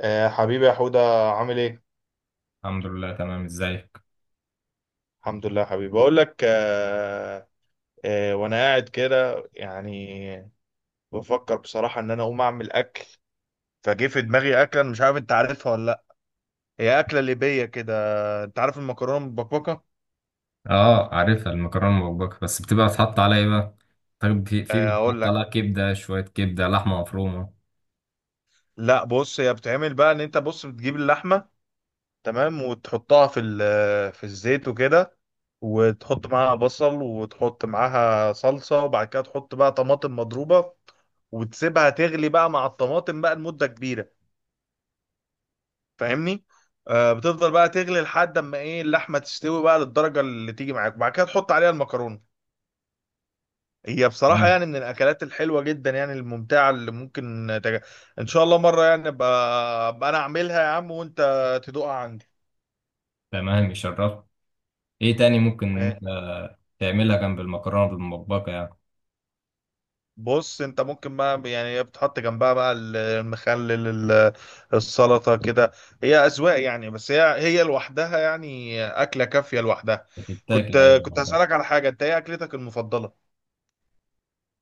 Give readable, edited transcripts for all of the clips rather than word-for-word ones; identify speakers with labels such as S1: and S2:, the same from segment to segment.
S1: حبيبي يا حودة، عامل ايه؟
S2: الحمد لله، تمام. ازيك؟
S1: الحمد لله يا حبيبي، بقول لك. وانا قاعد كده يعني، بفكر بصراحة ان انا اقوم اعمل اكل. فجه في دماغي اكلة، أنا مش عارف انت عارفها ولا لا. هي اكلة ليبية كده. انت عارف المكرونة المبكبكة؟
S2: اه، عارفها المكرونه المبكبكه، بس بتبقى بتحط عليها ايه بقى؟ طيب، في
S1: اقول
S2: بيتحط
S1: لك.
S2: عليها كبده، شويه كبده، لحمه مفرومه.
S1: لا بص، هي بتعمل بقى ان انت، بص، بتجيب اللحمة تمام وتحطها في الزيت وكده، وتحط معاها بصل، وتحط معاها صلصة، وبعد كده تحط بقى طماطم مضروبة، وتسيبها تغلي بقى مع الطماطم بقى لمدة كبيرة. فاهمني؟ بتفضل بقى تغلي لحد اما ايه، اللحمة تستوي بقى للدرجة اللي تيجي معاك، وبعد كده تحط عليها المكرونة. هي بصراحة
S2: تمام.
S1: يعني من الأكلات الحلوة جدا، يعني الممتعة اللي ممكن إن شاء الله مرة، يعني أبقى أنا أعملها يا عم وأنت تدوقها عندي.
S2: تمام يشرف. ايه تاني ممكن انت تعملها جنب المكرونه بالمبكبكه يعني؟
S1: بص، انت ممكن بقى يعني بتحط جنبها بقى المخلل، السلطة كده. هي أذواق يعني، بس هي لوحدها يعني أكلة كافية لوحدها.
S2: بتتاكل اي
S1: كنت كنت
S2: مرة؟
S1: هسألك على حاجة، انت ايه أكلتك المفضلة؟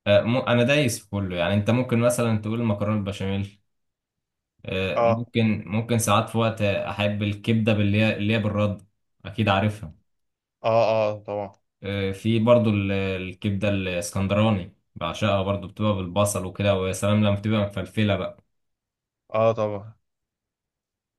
S2: انا دايس في كله، يعني انت ممكن مثلا تقول مكرونه البشاميل. آه،
S1: اه،
S2: ممكن ساعات في وقت احب الكبده، باللي هي اللي هي بالرد، اكيد عارفها.
S1: اه، اه، طبعا.
S2: في برضو الكبدة الاسكندراني، بعشقها برضو، بتبقى بالبصل وكده، ويا سلام لما بتبقى مفلفلة بقى.
S1: اه، طبعا.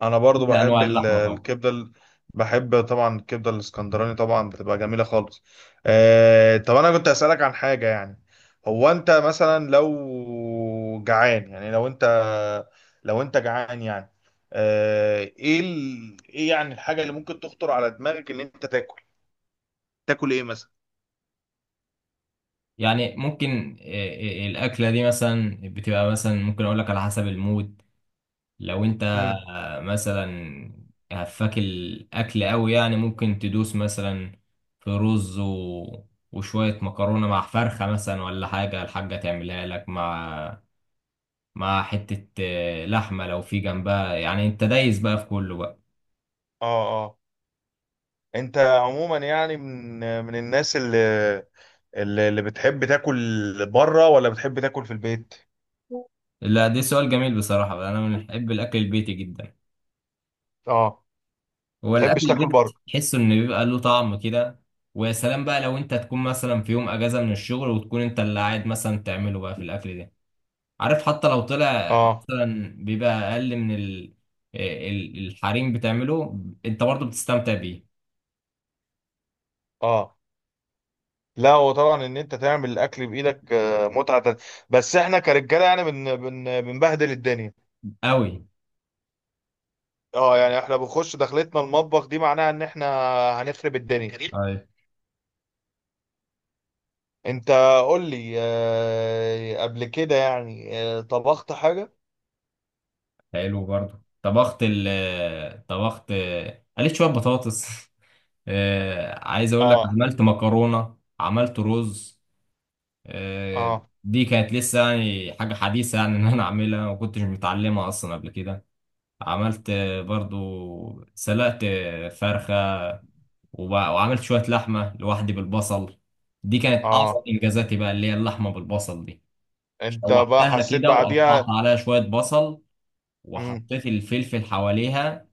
S1: انا برضو
S2: كل أنواع
S1: بحب
S2: اللحمة طبعا.
S1: الكبده بحب طبعا الكبده الاسكندراني، طبعا بتبقى جميله خالص. طب انا كنت اسالك عن حاجه يعني، هو انت مثلا لو جعان، يعني لو انت جعان يعني. ايه ايه يعني الحاجه اللي ممكن تخطر على دماغك ان انت تاكل ايه مثلا؟
S2: يعني ممكن، الأكلة دي مثلا بتبقى، مثلا ممكن أقول لك على حسب المود. لو أنت
S1: امم.
S2: مثلا هفاك الأكل أوي، يعني ممكن تدوس مثلا في رز وشوية مكرونة مع فرخة مثلا، ولا حاجة الحاجة تعملها لك، مع حتة لحمة لو في جنبها، يعني أنت دايس بقى في كله بقى.
S1: اه، اه. انت عموما يعني من الناس اللي بتحب تاكل بره، ولا بتحب تاكل في البيت؟
S2: لا، ده سؤال جميل بصراحة. أنا من بحب الأكل البيتي جدا.
S1: اه،
S2: هو الأكل
S1: تحبش تاكل بره؟
S2: البيتي تحسه إن بيبقى له طعم كده، ويا سلام بقى لو أنت تكون مثلا في يوم أجازة من الشغل، وتكون أنت اللي قاعد مثلا تعمله بقى في الأكل ده. عارف، حتى لو طلع
S1: اه،
S2: مثلا بيبقى أقل من الحريم بتعمله، أنت برضه بتستمتع بيه.
S1: اه. لا، هو طبعا ان انت تعمل الاكل بايدك متعه تانية. بس احنا كرجاله يعني بن بن بنبهدل الدنيا.
S2: أوي.
S1: اه، يعني احنا بنخش دخلتنا المطبخ دي، معناها ان احنا هنخرب الدنيا جميل.
S2: طيب.
S1: انت قول لي، قبل كده يعني، طبخت حاجه؟
S2: حلو برضه. طبخت، قليت شوية بطاطس عايز أقول لك،
S1: اه،
S2: عملت مكرونة، عملت رز، آه،
S1: اه،
S2: دي كانت لسه يعني حاجة حديثة يعني إن أنا أعملها، ما كنتش متعلمها أصلا قبل كده. عملت برضو، سلقت فرخة، وعملت شوية لحمة لوحدي بالبصل. دي كانت أعظم
S1: اه.
S2: إنجازاتي بقى، اللي هي اللحمة بالبصل دي.
S1: انت بقى
S2: شوحتها
S1: حسيت
S2: كده، وقطعت
S1: بعديها؟
S2: عليها شوية بصل،
S1: امم.
S2: وحطيت الفلفل حواليها.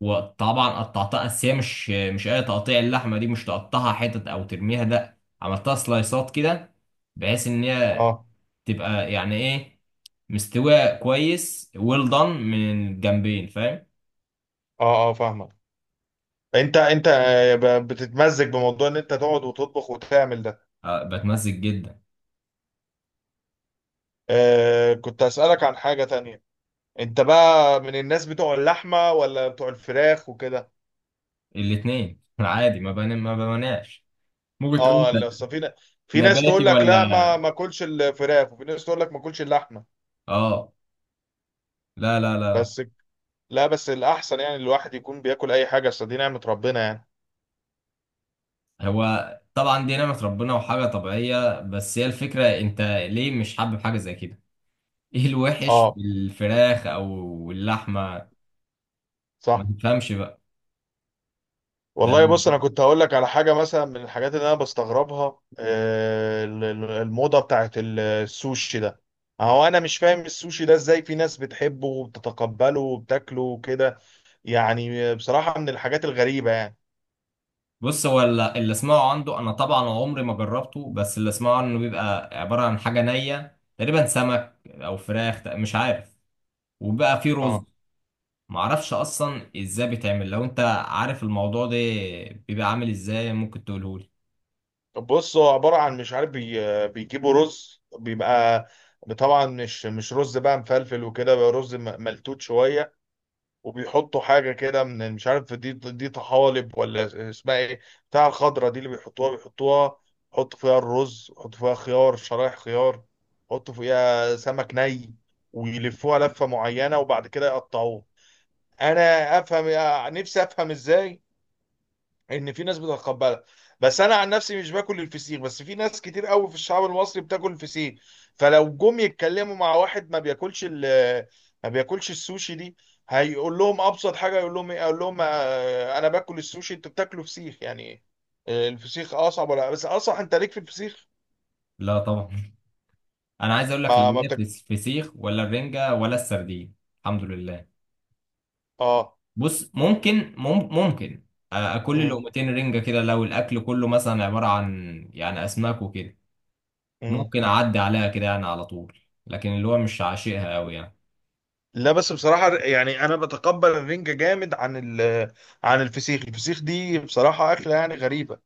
S2: وطبعا قطعتها، بس هي مش أي تقطيع، اللحمة دي مش تقطعها حتت أو ترميها، لأ، عملتها سلايسات كده، بحيث ان هي
S1: اه،
S2: تبقى يعني ايه، مستوية كويس ويل دان من الجنبين، فاهم؟
S1: اه، اه، فاهمك. انت انت بتتمزج بموضوع ان انت تقعد وتطبخ وتعمل ده؟
S2: آه، بتمزج جدا.
S1: كنت أسألك عن حاجة تانية. انت بقى من الناس بتوع اللحمة ولا بتوع الفراخ وكده؟
S2: الاتنين عادي، ما بمناش. ممكن تقول
S1: اه،
S2: انت
S1: لا، أصل في ناس
S2: نباتي
S1: تقول لك
S2: ولا؟
S1: لا ما اكلش الفراخ، وفي ناس تقول لك ما اكلش اللحمة.
S2: اه. لا، لا، لا، لا.
S1: بس، لا، بس الأحسن يعني الواحد يكون بياكل أي حاجة، أصل دي نعمة ربنا يعني.
S2: هو طبعا دي نعمة ربنا وحاجة طبيعية، بس هي الفكرة، انت ليه مش حابب حاجة زي كده؟ ايه الوحش في
S1: اه،
S2: الفراخ او اللحمة؟ ما
S1: صح.
S2: تفهمش بقى. ده
S1: والله بص، انا كنت هقول لك على حاجه مثلا، من الحاجات اللي انا بستغربها، الموضه بتاعت السوشي ده. هو انا مش فاهم السوشي ده ازاي في ناس بتحبه وبتتقبله وبتاكله وكده. يعني بصراحة من الحاجات الغريبة يعني.
S2: بص، هو اللي اسمعه عنده، انا طبعا عمري ما جربته، بس اللي اسمعه انه بيبقى عبارة عن حاجة نية تقريبا، سمك او فراخ، مش عارف. وبقى فيه رز.
S1: اه،
S2: معرفش اصلا ازاي بيتعمل. لو انت عارف الموضوع ده بيبقى عامل ازاي، ممكن تقولهولي؟
S1: طب بص، هو عبارة عن، مش عارف، بيجيبوا رز، بيبقى طبعا مش رز بقى مفلفل وكده، بقى رز ملتوت شوية. وبيحطوا حاجة كده، من مش عارف، دي طحالب ولا اسمها ايه، بتاع الخضرة دي، اللي بيحطوها يحطوا فيها الرز، يحطوا فيها خيار، شرايح خيار، يحطوا فيها سمك ني، ويلفوها لفة معينة، وبعد كده يقطعوه. انا افهم، نفسي افهم ازاي ان في ناس بتتقبلها. بس انا عن نفسي مش باكل الفسيخ، بس في ناس كتير قوي في الشعب المصري بتاكل الفسيخ. فلو جم يتكلموا مع واحد ما بياكلش ما بياكلش السوشي دي، هيقول لهم ابسط حاجه، يقول لهم ايه، اقول لهم انا باكل السوشي انتوا بتاكلوا فسيخ يعني ايه؟ الفسيخ اصعب، ولا بس اصح، انت ليك في الفسيخ.
S2: لا طبعا انا عايز اقول لك لا،
S1: ما
S2: ليا في
S1: بتاكل.
S2: الفسيخ ولا الرنجة ولا السردين. الحمد لله.
S1: اه.
S2: بص ممكن، ممكن اكل
S1: مم.
S2: لقمتين رنجة كده، لو الاكل كله مثلا عبارة عن يعني اسماك وكده،
S1: مم.
S2: ممكن اعدي عليها كده يعني على طول. لكن اللي هو مش عاشقها قوي يعني.
S1: لا بس بصراحة يعني، أنا بتقبل الرنجة جامد عن الفسيخ. الفسيخ دي بصراحة أكلة يعني غريبة.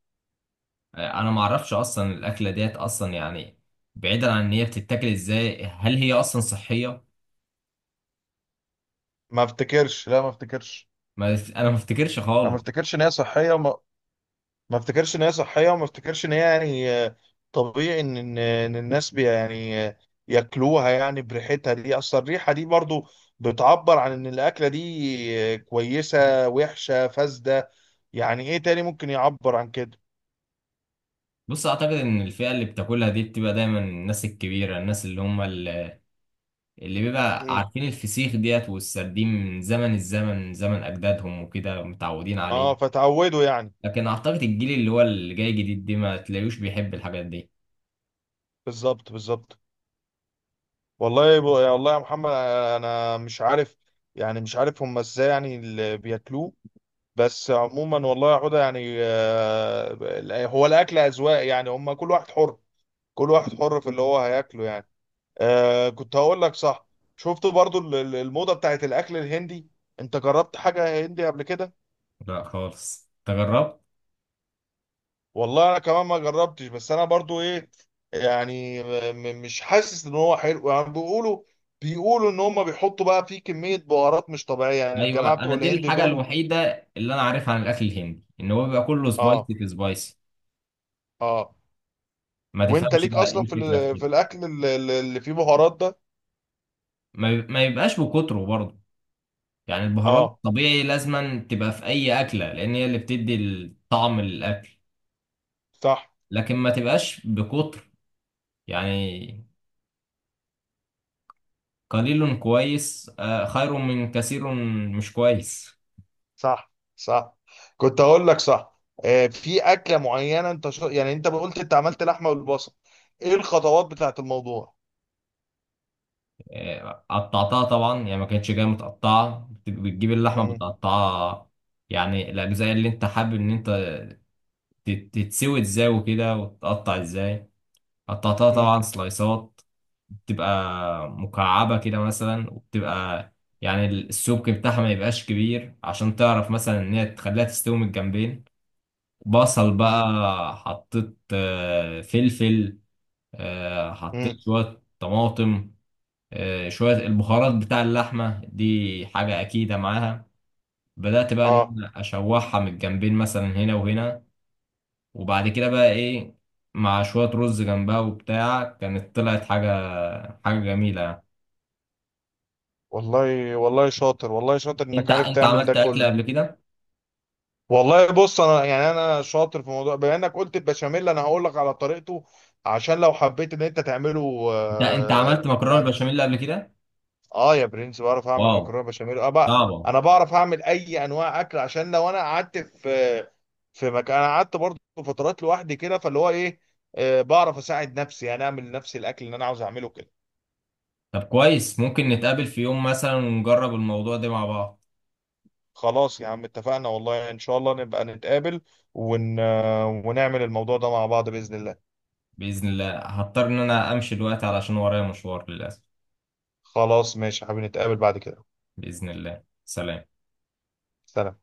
S2: انا ما اعرفش اصلا الاكله ديت اصلا يعني. بعيدا عن ان هي بتتاكل ازاي، هل هي اصلا صحيه؟
S1: ما افتكرش، لا، ما افتكرش.
S2: ما انا ما افتكرش
S1: انا ما
S2: خالص.
S1: افتكرش ان هي صحيه، وما ما افتكرش ان هي صحيه، وما افتكرش ان هي يعني طبيعي ان إن الناس، بي يعني آه، ياكلوها يعني بريحتها دي. اصل الريحه دي برضو بتعبر عن ان الاكله دي كويسه، وحشه، فاسده. يعني ايه تاني ممكن يعبر عن كده.
S2: بص، اعتقد ان الفئه اللي بتاكلها دي بتبقى دايما الناس الكبيره، الناس اللي هم اللي بيبقى
S1: مم.
S2: عارفين الفسيخ ديت والسردين من زمن الزمن، من زمن اجدادهم وكده، متعودين عليه.
S1: اه، فتعودوا يعني.
S2: لكن اعتقد الجيل اللي هو اللي جاي جديد دي ما تلاقيوش بيحب الحاجات دي.
S1: بالظبط بالظبط. والله يا محمد، انا مش عارف، يعني مش عارف هم ازاي يعني اللي بياكلوه. بس عموما والله يا عودة يعني، هو الأكل أذواق يعني، هم كل واحد حر، كل واحد حر في اللي هو هياكله يعني. كنت هقول لك صح، شفت برضو الموضة بتاعت الأكل الهندي. أنت جربت حاجة هندي قبل كده؟
S2: لا خالص، تجربت.
S1: والله أنا كمان ما جربتش، بس أنا برضو إيه يعني، مش حاسس إن هو حلو يعني. بيقولوا، إن هم بيحطوا بقى فيه كمية بهارات مش طبيعية يعني، الجماعة
S2: ايوه،
S1: بتوع
S2: انا دي
S1: الهند
S2: الحاجه
S1: دول.
S2: الوحيده اللي انا عارفها عن الاكل الهندي، ان هو بيبقى كله
S1: آه،
S2: سبايسي في سبايسي.
S1: آه.
S2: ما
S1: وأنت
S2: تفهمش
S1: ليك
S2: بقى، ايه
S1: أصلا
S2: الفكره في كده؟
S1: في الأكل اللي فيه بهارات ده؟
S2: ما يبقاش بكتره برضه. يعني البهارات
S1: اه،
S2: طبيعي لازما تبقى في اي اكله، لان هي اللي بتدي الطعم للاكل.
S1: صح،
S2: لكن ما تبقاش بكتر يعني، قليل كويس خير من كثير مش كويس.
S1: صح، صح. كنت اقول لك صح، في اكله معينه انت يعني انت قلت انت عملت لحمه والبصل، ايه الخطوات بتاعت الموضوع.
S2: قطعتها طبعا، يعني ما كانتش جايه متقطعه، بتجيب اللحمه
S1: امم،
S2: بتقطعها. يعني الاجزاء اللي انت حابب ان انت تتسوي ازاي وكده، وتقطع ازاي. قطعتها
S1: امم،
S2: طبعا سلايسات، بتبقى مكعبة كده مثلا، وبتبقى يعني السمك بتاعها ما يبقاش كبير، عشان تعرف مثلا ان هي تخليها تستوي من الجنبين. بصل بقى، حطيت فلفل، حطيت
S1: امم.
S2: شوية طماطم، شوية البهارات بتاع اللحمة دي حاجة أكيدة معاها. بدأت بقى إن
S1: اه.
S2: أنا أشوحها من الجنبين، مثلا هنا وهنا، وبعد كده بقى ايه، مع شوية رز جنبها وبتاع، كانت طلعت حاجة، حاجة جميلة يعني.
S1: والله، والله شاطر، والله شاطر
S2: انت
S1: انك عارف
S2: انت
S1: تعمل ده
S2: عملت اكل
S1: كله.
S2: قبل كده؟
S1: والله بص، انا يعني انا شاطر في موضوع، بما انك قلت البشاميل انا هقول لك على طريقته عشان لو حبيت ان انت تعمله
S2: انت عملت مكرونة بالبشاميل قبل كده؟
S1: اه، يا برنس، بعرف اعمل
S2: واو،
S1: مكرونه بشاميل. اه بقى،
S2: صعبة.
S1: انا بعرف اعمل اي انواع اكل، عشان لو انا قعدت في، في مكان، انا قعدت برضه فترات لوحدي كده، فاللي هو ايه، بعرف اساعد نفسي يعني، اعمل لنفسي الاكل اللي انا عاوز اعمله كده.
S2: طب كويس، ممكن نتقابل في يوم مثلا ونجرب الموضوع ده مع بعض.
S1: خلاص يا عم اتفقنا، والله ان شاء الله نبقى نتقابل ون... آه، ونعمل الموضوع ده مع بعض باذن الله.
S2: بإذن الله هضطر ان انا امشي دلوقتي علشان ورايا مشوار للأسف.
S1: خلاص ماشي يا حبيبي، نتقابل بعد كده.
S2: بإذن الله. سلام.
S1: سلام.